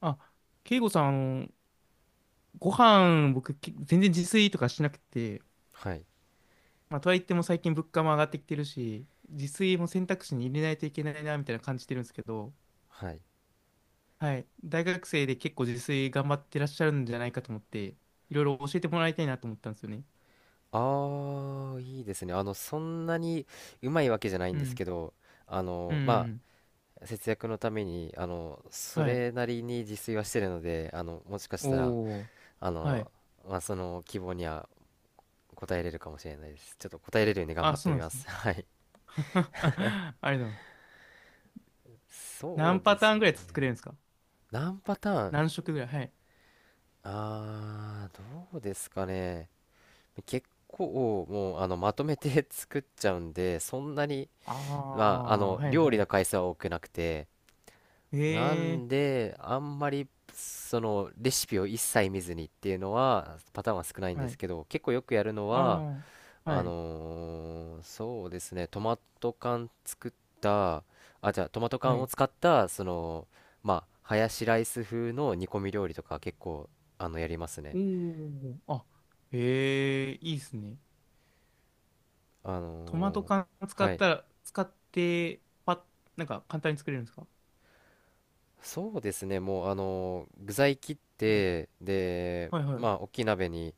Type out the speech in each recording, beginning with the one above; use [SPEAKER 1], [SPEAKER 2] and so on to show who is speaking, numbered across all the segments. [SPEAKER 1] あ、慶吾さん、の、ご飯、僕、全然自炊とかしなくて、
[SPEAKER 2] はい。
[SPEAKER 1] とはいっても最近物価も上がってきてるし、自炊も選択肢に入れないといけないな、みたいな感じてるんですけど、
[SPEAKER 2] はい。
[SPEAKER 1] はい、大学生で結構自炊頑張ってらっしゃるんじゃないかと思って、いろいろ教えてもらいたいなと思ったんですよね。
[SPEAKER 2] ああ、いいですね。そんなにうまいわけじゃない
[SPEAKER 1] う
[SPEAKER 2] んです
[SPEAKER 1] ん、
[SPEAKER 2] けど、あ
[SPEAKER 1] う
[SPEAKER 2] の、ま
[SPEAKER 1] ん、
[SPEAKER 2] 節約のために、そ
[SPEAKER 1] はい。
[SPEAKER 2] れなりに自炊はしてるので、もしかしたら、
[SPEAKER 1] おー、
[SPEAKER 2] あ
[SPEAKER 1] はい。
[SPEAKER 2] の、まあ、その希望には応えれるかもしれないです。ちょっと応えれるように頑張
[SPEAKER 1] あ、
[SPEAKER 2] って
[SPEAKER 1] そう
[SPEAKER 2] み
[SPEAKER 1] なんで
[SPEAKER 2] ま
[SPEAKER 1] すね。
[SPEAKER 2] す。はい。
[SPEAKER 1] ありがとうございます。
[SPEAKER 2] そう
[SPEAKER 1] 何
[SPEAKER 2] で
[SPEAKER 1] パタ
[SPEAKER 2] す
[SPEAKER 1] ーン
[SPEAKER 2] ね。
[SPEAKER 1] ぐらい作れるんですか？
[SPEAKER 2] 何パターン、
[SPEAKER 1] 何色ぐらい、はい。
[SPEAKER 2] どうですかね。結構、もう、まとめて 作っちゃうんで、そんなに、
[SPEAKER 1] あ
[SPEAKER 2] まあ、
[SPEAKER 1] あ、はい
[SPEAKER 2] 料
[SPEAKER 1] は
[SPEAKER 2] 理
[SPEAKER 1] い。
[SPEAKER 2] の回数は多くなくて、
[SPEAKER 1] え
[SPEAKER 2] な
[SPEAKER 1] え、
[SPEAKER 2] んで、あんまり、レシピを一切見ずにっていうのは、パターンは少ないんで
[SPEAKER 1] は
[SPEAKER 2] す
[SPEAKER 1] い。
[SPEAKER 2] けど、結構よくやるのは、
[SPEAKER 1] ああ、はい、
[SPEAKER 2] そうですね、トマト缶作った、あ、じゃあ、トマト
[SPEAKER 1] は
[SPEAKER 2] 缶を
[SPEAKER 1] い。
[SPEAKER 2] 使った、まあ、ハヤシライス風の煮込み料理とか結構、やります
[SPEAKER 1] お
[SPEAKER 2] ね。
[SPEAKER 1] ー、あ、へえ、いいっすね。
[SPEAKER 2] あ
[SPEAKER 1] トマト
[SPEAKER 2] の
[SPEAKER 1] 缶
[SPEAKER 2] ー
[SPEAKER 1] 使
[SPEAKER 2] は
[SPEAKER 1] っ
[SPEAKER 2] い。
[SPEAKER 1] たら、使って、パッ、なんか簡単に作れるんですか？
[SPEAKER 2] そうですね、もう、具材切っ
[SPEAKER 1] はい、
[SPEAKER 2] て、で、
[SPEAKER 1] はい、は
[SPEAKER 2] まあ、大
[SPEAKER 1] い。
[SPEAKER 2] きい鍋に、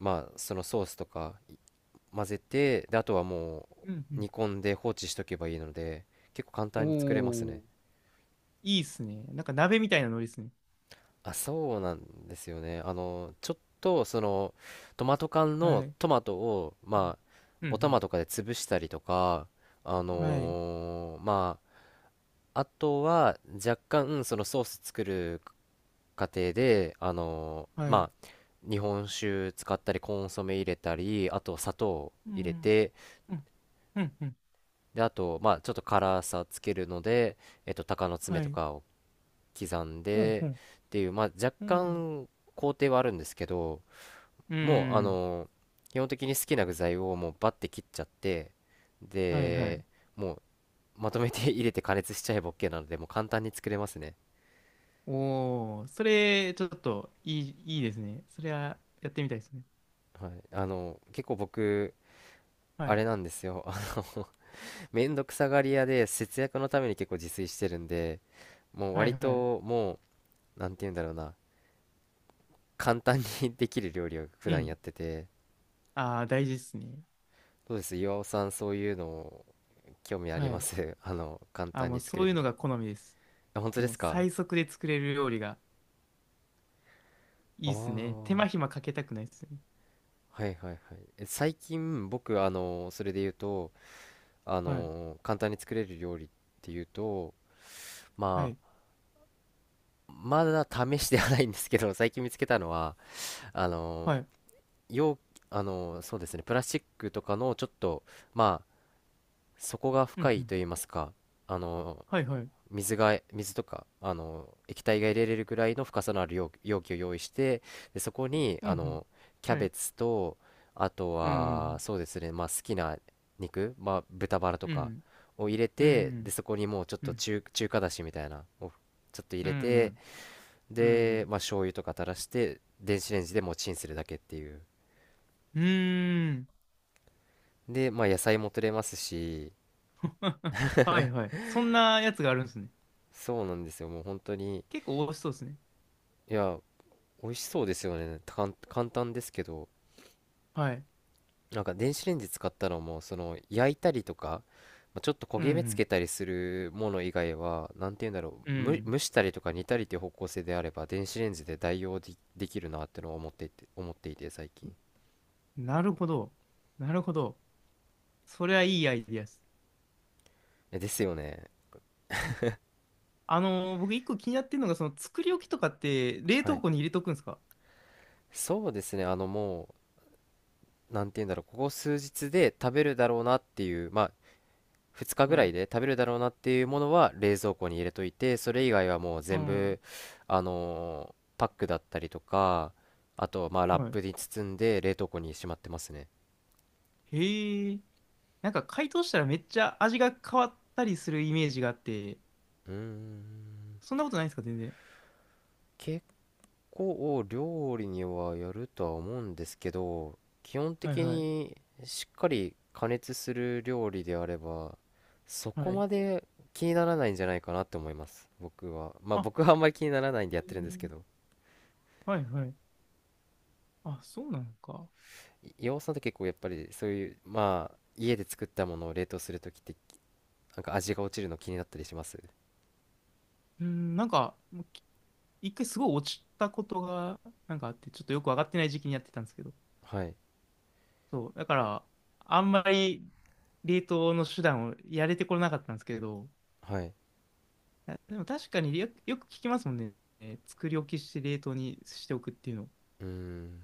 [SPEAKER 2] まあそのソースとか混ぜて、であとはも
[SPEAKER 1] う
[SPEAKER 2] う
[SPEAKER 1] ん、
[SPEAKER 2] 煮込んで放置しとけばいいので結構簡
[SPEAKER 1] う
[SPEAKER 2] 単
[SPEAKER 1] ん。
[SPEAKER 2] に作れますね。
[SPEAKER 1] おー、いいっすね。なんか鍋みたいなノリっすね。
[SPEAKER 2] あ、そうなんですよね。ちょっとそのトマト缶の
[SPEAKER 1] はい。
[SPEAKER 2] トマトをまあ
[SPEAKER 1] うん、う
[SPEAKER 2] お
[SPEAKER 1] ん、
[SPEAKER 2] 玉とかで潰したりとか、あ
[SPEAKER 1] うん、はい、
[SPEAKER 2] のーまあとは若干そのソース作る過程で、
[SPEAKER 1] はい。
[SPEAKER 2] 日本酒使ったりコンソメ入れたりあと砂糖
[SPEAKER 1] う
[SPEAKER 2] 入れ
[SPEAKER 1] ん、
[SPEAKER 2] て、
[SPEAKER 1] うん、うん、うん、
[SPEAKER 2] で、あと、まあ、ちょっと辛さつけるので、鷹の爪
[SPEAKER 1] は
[SPEAKER 2] と
[SPEAKER 1] い。
[SPEAKER 2] かを刻ん
[SPEAKER 1] うん、う
[SPEAKER 2] で
[SPEAKER 1] ん、
[SPEAKER 2] っていう、まあ、若
[SPEAKER 1] うん。
[SPEAKER 2] 干工程はあるんですけど、
[SPEAKER 1] う
[SPEAKER 2] もう、
[SPEAKER 1] ん、
[SPEAKER 2] 基本的に好きな具材をもうバッて切っちゃって、
[SPEAKER 1] はい、はい。
[SPEAKER 2] で、もう、まとめて 入れて加熱しちゃえば OK なので、もう簡単に作れますね。
[SPEAKER 1] おー、それ、ちょっと、いい、いいですね。それは、やってみたいですね。
[SPEAKER 2] はい。結構僕、
[SPEAKER 1] は
[SPEAKER 2] あ
[SPEAKER 1] い
[SPEAKER 2] れなんですよ。の、めんどくさがり屋で節約のために結構自炊してるんで、もう
[SPEAKER 1] はい
[SPEAKER 2] 割
[SPEAKER 1] はい。
[SPEAKER 2] ともう、なんて言うんだろうな。簡単に できる料理を普
[SPEAKER 1] う
[SPEAKER 2] 段や
[SPEAKER 1] ん。
[SPEAKER 2] ってて、
[SPEAKER 1] ああ、大事ですね。
[SPEAKER 2] どうです、岩尾さん、そういうの興味あ
[SPEAKER 1] は
[SPEAKER 2] りま
[SPEAKER 1] い。
[SPEAKER 2] す？ 簡
[SPEAKER 1] あー、
[SPEAKER 2] 単
[SPEAKER 1] も
[SPEAKER 2] に
[SPEAKER 1] う
[SPEAKER 2] 作
[SPEAKER 1] そ
[SPEAKER 2] れ
[SPEAKER 1] ういう
[SPEAKER 2] る。
[SPEAKER 1] のが好みです。
[SPEAKER 2] あ、本当で
[SPEAKER 1] もう
[SPEAKER 2] すか。
[SPEAKER 1] 最速で作れる料理が
[SPEAKER 2] あ
[SPEAKER 1] いいですね。手
[SPEAKER 2] あ
[SPEAKER 1] 間
[SPEAKER 2] ー、
[SPEAKER 1] 暇かけたくないですね。
[SPEAKER 2] はいはいはい。え、最近僕、それで言うと、
[SPEAKER 1] はい。
[SPEAKER 2] 簡単に作れる料理っていうと、
[SPEAKER 1] は
[SPEAKER 2] ま
[SPEAKER 1] い。
[SPEAKER 2] あ、まだ試してはないんですけど 最近見つけたのは、あの
[SPEAKER 1] はい。
[SPEAKER 2] 容あのそうですね、プラスチックとかのちょっとまあ底が
[SPEAKER 1] う
[SPEAKER 2] 深
[SPEAKER 1] ん
[SPEAKER 2] い
[SPEAKER 1] う
[SPEAKER 2] と
[SPEAKER 1] ん。
[SPEAKER 2] 言いますか、あの
[SPEAKER 1] はいはい。
[SPEAKER 2] 水とか液体が入れれるぐらいの深さのある容器を用意して、でそこに
[SPEAKER 1] うんうん。
[SPEAKER 2] キャ
[SPEAKER 1] は
[SPEAKER 2] ベ
[SPEAKER 1] い。
[SPEAKER 2] ツと、あと
[SPEAKER 1] うんう
[SPEAKER 2] は
[SPEAKER 1] ん
[SPEAKER 2] そうですね、まあ、好きな肉、まあ、豚バラと
[SPEAKER 1] う
[SPEAKER 2] か
[SPEAKER 1] ん。
[SPEAKER 2] を入れ
[SPEAKER 1] うん。
[SPEAKER 2] て、でそこにもうちょっ
[SPEAKER 1] うん。う
[SPEAKER 2] と
[SPEAKER 1] ん。
[SPEAKER 2] 中華だしみたいなをちょっと入
[SPEAKER 1] う
[SPEAKER 2] れて、
[SPEAKER 1] ん。う
[SPEAKER 2] で、
[SPEAKER 1] ん。
[SPEAKER 2] まあ、醤油とか垂らして電子レンジでもうチンするだけっていう。
[SPEAKER 1] うん。
[SPEAKER 2] で、まあ、野菜も取れますし。
[SPEAKER 1] はいはい。そんなやつがあるんですね。
[SPEAKER 2] そうなんですよ、もう本当に。
[SPEAKER 1] 結構美味しそうですね。
[SPEAKER 2] いや、美味しそうですよね、たかん簡単ですけど。
[SPEAKER 1] はい。
[SPEAKER 2] なんか電子レンジ使ったのも、その焼いたりとか、まあちょっと焦
[SPEAKER 1] う
[SPEAKER 2] げ目つ
[SPEAKER 1] ん
[SPEAKER 2] けたりするもの以外はなんて言うんだろ
[SPEAKER 1] うん。う
[SPEAKER 2] う、蒸、む
[SPEAKER 1] ん。
[SPEAKER 2] 蒸したりとか煮たりっていう方向性であれば電子レンジで代用で、できるなってのを思っていて最近。
[SPEAKER 1] なるほど。なるほど。それはいいアイディアです。
[SPEAKER 2] え、ですよね。
[SPEAKER 1] 僕一個気になってるのが、その作り置きとかって冷
[SPEAKER 2] は
[SPEAKER 1] 凍
[SPEAKER 2] い。
[SPEAKER 1] 庫に入れとくんですか？
[SPEAKER 2] そうですね。もうなんて言うんだろう、ここ数日で食べるだろうなっていう、まあ2日ぐ
[SPEAKER 1] は
[SPEAKER 2] ら
[SPEAKER 1] い。
[SPEAKER 2] いで食べるだろうなっていうものは冷蔵庫に入れといて、それ以外はもう
[SPEAKER 1] う
[SPEAKER 2] 全
[SPEAKER 1] ん。
[SPEAKER 2] 部パックだったりとか、あとまあラッ
[SPEAKER 1] はい。
[SPEAKER 2] プに包んで冷凍庫にしまってますね。
[SPEAKER 1] へえ。なんか解凍したらめっちゃ味が変わったりするイメージがあって、
[SPEAKER 2] うーん、
[SPEAKER 1] そんなことないんですか、全然。
[SPEAKER 2] 結構料理にはやるとは思うんですけど、基本
[SPEAKER 1] はい
[SPEAKER 2] 的
[SPEAKER 1] はい。
[SPEAKER 2] にしっかり加熱する料理であればそ
[SPEAKER 1] は
[SPEAKER 2] こ
[SPEAKER 1] い。
[SPEAKER 2] まで気にならないんじゃないかなって思います。僕は、まあ
[SPEAKER 1] あ、
[SPEAKER 2] 僕はあんまり気にならないん
[SPEAKER 1] へ
[SPEAKER 2] で
[SPEAKER 1] え、
[SPEAKER 2] やってるんですけど、
[SPEAKER 1] はいはい。あ、そうなのか。
[SPEAKER 2] 岩尾さんって結構やっぱりそういう、まあ家で作ったものを冷凍するときってなんか味が落ちるの気になったりします？
[SPEAKER 1] うん、もうき一回すごい落ちたことが、なんかあって、ちょっとよくわかってない時期にやってたんですけど。
[SPEAKER 2] はい。
[SPEAKER 1] そう。だから、あんまり冷凍の手段をやれてこなかったんですけど、
[SPEAKER 2] はい。
[SPEAKER 1] あ、でも確かによく聞きますもんね。えー、作り置きして冷凍にしておくっていうの。
[SPEAKER 2] うん。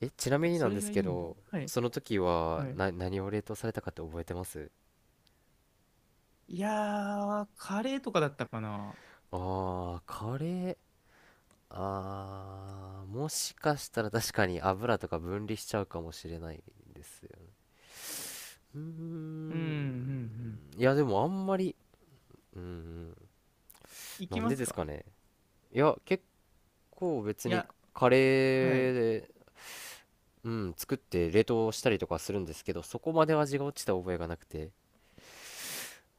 [SPEAKER 2] え、ちなみ
[SPEAKER 1] やっぱ
[SPEAKER 2] にな
[SPEAKER 1] そ
[SPEAKER 2] んで
[SPEAKER 1] れ
[SPEAKER 2] す
[SPEAKER 1] がい
[SPEAKER 2] け
[SPEAKER 1] いんだ。
[SPEAKER 2] ど、
[SPEAKER 1] はい。
[SPEAKER 2] その時は
[SPEAKER 1] はい。
[SPEAKER 2] 何を冷凍されたかって覚えてます？
[SPEAKER 1] いやー、カレーとかだったかな。
[SPEAKER 2] ああー、カレー。あー、もしかしたら確かに油とか分離しちゃうかもしれないですよね。うー
[SPEAKER 1] うん、うん、
[SPEAKER 2] ん。
[SPEAKER 1] うん。
[SPEAKER 2] いやでもあんまり。うーん、
[SPEAKER 1] い
[SPEAKER 2] な
[SPEAKER 1] き
[SPEAKER 2] ん
[SPEAKER 1] ま
[SPEAKER 2] で
[SPEAKER 1] す
[SPEAKER 2] です
[SPEAKER 1] か？
[SPEAKER 2] かね。いや結構別
[SPEAKER 1] い
[SPEAKER 2] に
[SPEAKER 1] や、
[SPEAKER 2] カレ
[SPEAKER 1] は
[SPEAKER 2] ー
[SPEAKER 1] い。
[SPEAKER 2] で、うん、作って冷凍したりとかするんですけど、そこまで味が落ちた覚えがなくて、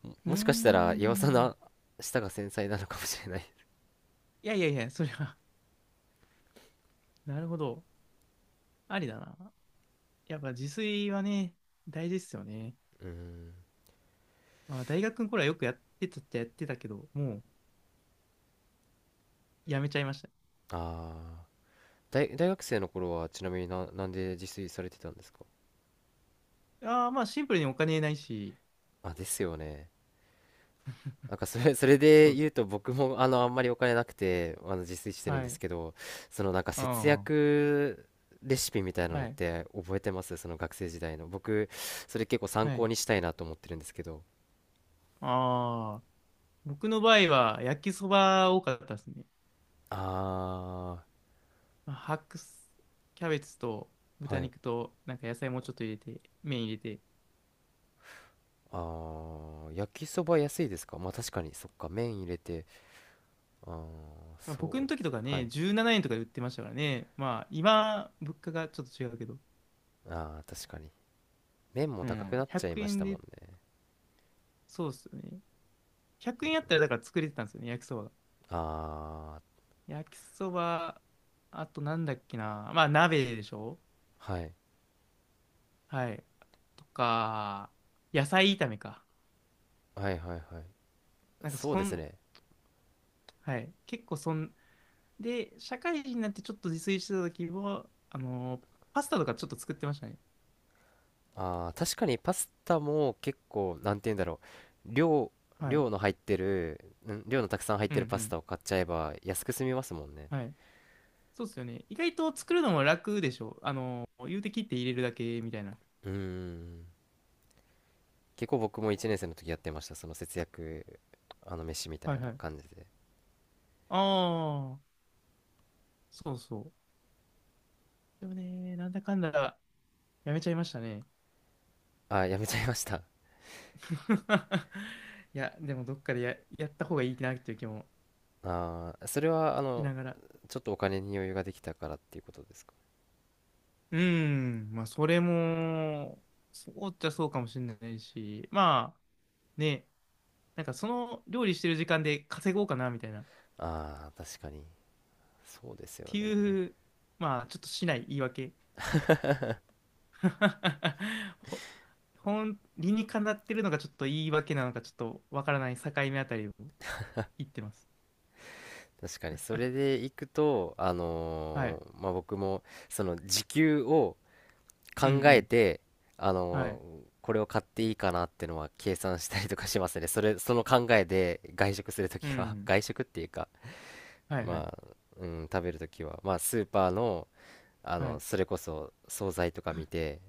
[SPEAKER 1] うー
[SPEAKER 2] もしかしたら岩佐
[SPEAKER 1] ん。
[SPEAKER 2] な舌が繊細なのかもしれない。
[SPEAKER 1] いやいやいや、それは なるほど。ありだな。やっぱ自炊はね、大事ですよね。
[SPEAKER 2] うん。
[SPEAKER 1] まあ、大学の頃はよくやってたっちゃやってたけど、もうやめちゃいました。
[SPEAKER 2] ああ。大学生の頃はちなみになんで自炊されてたんですか？
[SPEAKER 1] ああ、シンプルにお金ないし、
[SPEAKER 2] あ、ですよね。なんかそれ
[SPEAKER 1] そ
[SPEAKER 2] で
[SPEAKER 1] うっ
[SPEAKER 2] 言
[SPEAKER 1] す。
[SPEAKER 2] うと僕もあんまりお金なくて自炊してるん
[SPEAKER 1] は
[SPEAKER 2] です
[SPEAKER 1] い。
[SPEAKER 2] けど、そのなんか節
[SPEAKER 1] あ
[SPEAKER 2] 約レシピみたい
[SPEAKER 1] あ、
[SPEAKER 2] なの
[SPEAKER 1] は
[SPEAKER 2] っ
[SPEAKER 1] い。
[SPEAKER 2] て覚えてます、その学生時代の？僕それ結構参
[SPEAKER 1] は
[SPEAKER 2] 考
[SPEAKER 1] い。
[SPEAKER 2] にしたいなと思ってるんですけど。
[SPEAKER 1] ああ、僕の場合は焼きそば多かったですね。
[SPEAKER 2] あ
[SPEAKER 1] まあ白菜、キャベツと
[SPEAKER 2] ー、
[SPEAKER 1] 豚
[SPEAKER 2] はい。
[SPEAKER 1] 肉となんか野菜もうちょっと入れて、麺入れて。
[SPEAKER 2] あー、焼きそば安いですか。まあ確かに、そっか、麺入れて。あー、
[SPEAKER 1] まあ、
[SPEAKER 2] そ
[SPEAKER 1] 僕
[SPEAKER 2] う
[SPEAKER 1] の
[SPEAKER 2] で
[SPEAKER 1] 時
[SPEAKER 2] す、
[SPEAKER 1] とか
[SPEAKER 2] はい。
[SPEAKER 1] ね、17円とかで売ってましたからね。まあ今、物価がちょっと違うけど。
[SPEAKER 2] あー、確かに麺も
[SPEAKER 1] う
[SPEAKER 2] 高くな
[SPEAKER 1] ん、
[SPEAKER 2] っちゃい
[SPEAKER 1] 100
[SPEAKER 2] まし
[SPEAKER 1] 円
[SPEAKER 2] たもん
[SPEAKER 1] で、
[SPEAKER 2] ね。
[SPEAKER 1] そうっすよね。100円あったらだから作れてたんですよね、焼きそばが。
[SPEAKER 2] あ
[SPEAKER 1] 焼きそば、あとなんだっけな。まあ鍋でしょ。
[SPEAKER 2] ー、はい
[SPEAKER 1] はい。とか、野菜炒めか。
[SPEAKER 2] はいはい、はい。
[SPEAKER 1] なんか
[SPEAKER 2] そう
[SPEAKER 1] そ
[SPEAKER 2] です
[SPEAKER 1] ん、
[SPEAKER 2] ね。
[SPEAKER 1] はい。結構そん、で、社会人になってちょっと自炊してた時は、パスタとかちょっと作ってましたね。
[SPEAKER 2] ああ、確かにパスタも結構、なんて言うんだろう。量、
[SPEAKER 1] はい。
[SPEAKER 2] 量の入ってる、ん量のたくさん入っ
[SPEAKER 1] うん
[SPEAKER 2] て
[SPEAKER 1] う
[SPEAKER 2] るパス
[SPEAKER 1] ん。
[SPEAKER 2] タを買っちゃえば安く済みますもんね。
[SPEAKER 1] はい。そうっすよね。意外と作るのも楽でしょ。あのー、言うて切って入れるだけみたいな。
[SPEAKER 2] うーん。結構僕も1年生の時やってました。その節約、飯みた
[SPEAKER 1] は
[SPEAKER 2] い
[SPEAKER 1] いは
[SPEAKER 2] な
[SPEAKER 1] い。
[SPEAKER 2] 感じで。
[SPEAKER 1] ああ、そうそう。でもね、なんだかんだやめちゃいましたね。
[SPEAKER 2] ああ、やめちゃいました。
[SPEAKER 1] いや、でもどっかでやった方がいいなっていう気も
[SPEAKER 2] ああ、それは、
[SPEAKER 1] しながら。
[SPEAKER 2] ちょっとお金に余裕ができたからっていうことですか？
[SPEAKER 1] うーん、まあそれも、そうっちゃそうかもしれないし、まあね、なんかその料理してる時間で稼ごうかなみたいな。っ
[SPEAKER 2] ああ、確かに。そうですよ
[SPEAKER 1] て
[SPEAKER 2] ね。
[SPEAKER 1] いう、まあちょっとしない言い訳。ほ、本理にかなってるのがちょっと言い訳なのかちょっとわからない境目あたりを言ってます。
[SPEAKER 2] 確かに。それでいくと、
[SPEAKER 1] はい。
[SPEAKER 2] まあ、僕も、その時給を
[SPEAKER 1] うんう
[SPEAKER 2] 考え
[SPEAKER 1] ん。
[SPEAKER 2] て、あ
[SPEAKER 1] は
[SPEAKER 2] の
[SPEAKER 1] い。
[SPEAKER 2] これを買っていいかなってのは計算したりとかしますね。その考えで外食すると
[SPEAKER 1] う
[SPEAKER 2] きは、
[SPEAKER 1] ん。
[SPEAKER 2] 外食っていうか、
[SPEAKER 1] はいはい。
[SPEAKER 2] まあ、うん、食べるときは、まあ、スーパーの、
[SPEAKER 1] はい。
[SPEAKER 2] それこそ惣菜とか見て、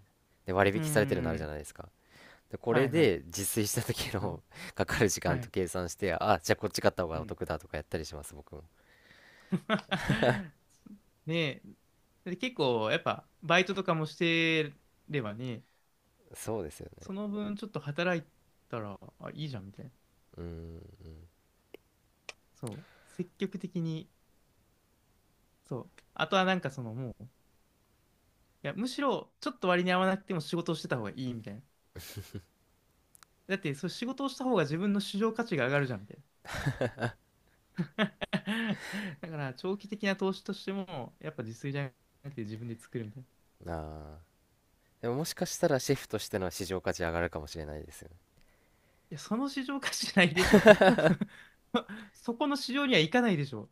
[SPEAKER 2] で、割
[SPEAKER 1] う
[SPEAKER 2] 引されてるのあるじゃ
[SPEAKER 1] ん。
[SPEAKER 2] ないですか。で、こ
[SPEAKER 1] は
[SPEAKER 2] れ
[SPEAKER 1] いはい。
[SPEAKER 2] で自炊した時
[SPEAKER 1] はい。
[SPEAKER 2] の かかる時
[SPEAKER 1] は
[SPEAKER 2] 間と
[SPEAKER 1] い。
[SPEAKER 2] 計算して、あ、じゃあこっち買った方
[SPEAKER 1] う
[SPEAKER 2] がお
[SPEAKER 1] ん。
[SPEAKER 2] 得だとかやったりします、僕も。
[SPEAKER 1] ねえ。で、結構やっぱバイトとかもしてればね、
[SPEAKER 2] そうですよね。
[SPEAKER 1] その分ちょっと働いたら、あ、いいじゃんみたいな。
[SPEAKER 2] うん、
[SPEAKER 1] そう、積極的に、そう、あとはなんかそのもう、いや、むしろちょっと割に合わなくても仕事をしてた方がいいみたいな。だって、そう仕事をした方が自分の市場価値が上がるじゃんみたいな。だから、長期的な投資としても、やっぱ自炊じゃなくて自分で作るみたいな。い
[SPEAKER 2] うん。ああ。でももしかしたらシェフとしての市場価値上がるかもしれないですよね。
[SPEAKER 1] や、その市場価値ないでしょ。そこの市場には行かないでしょ。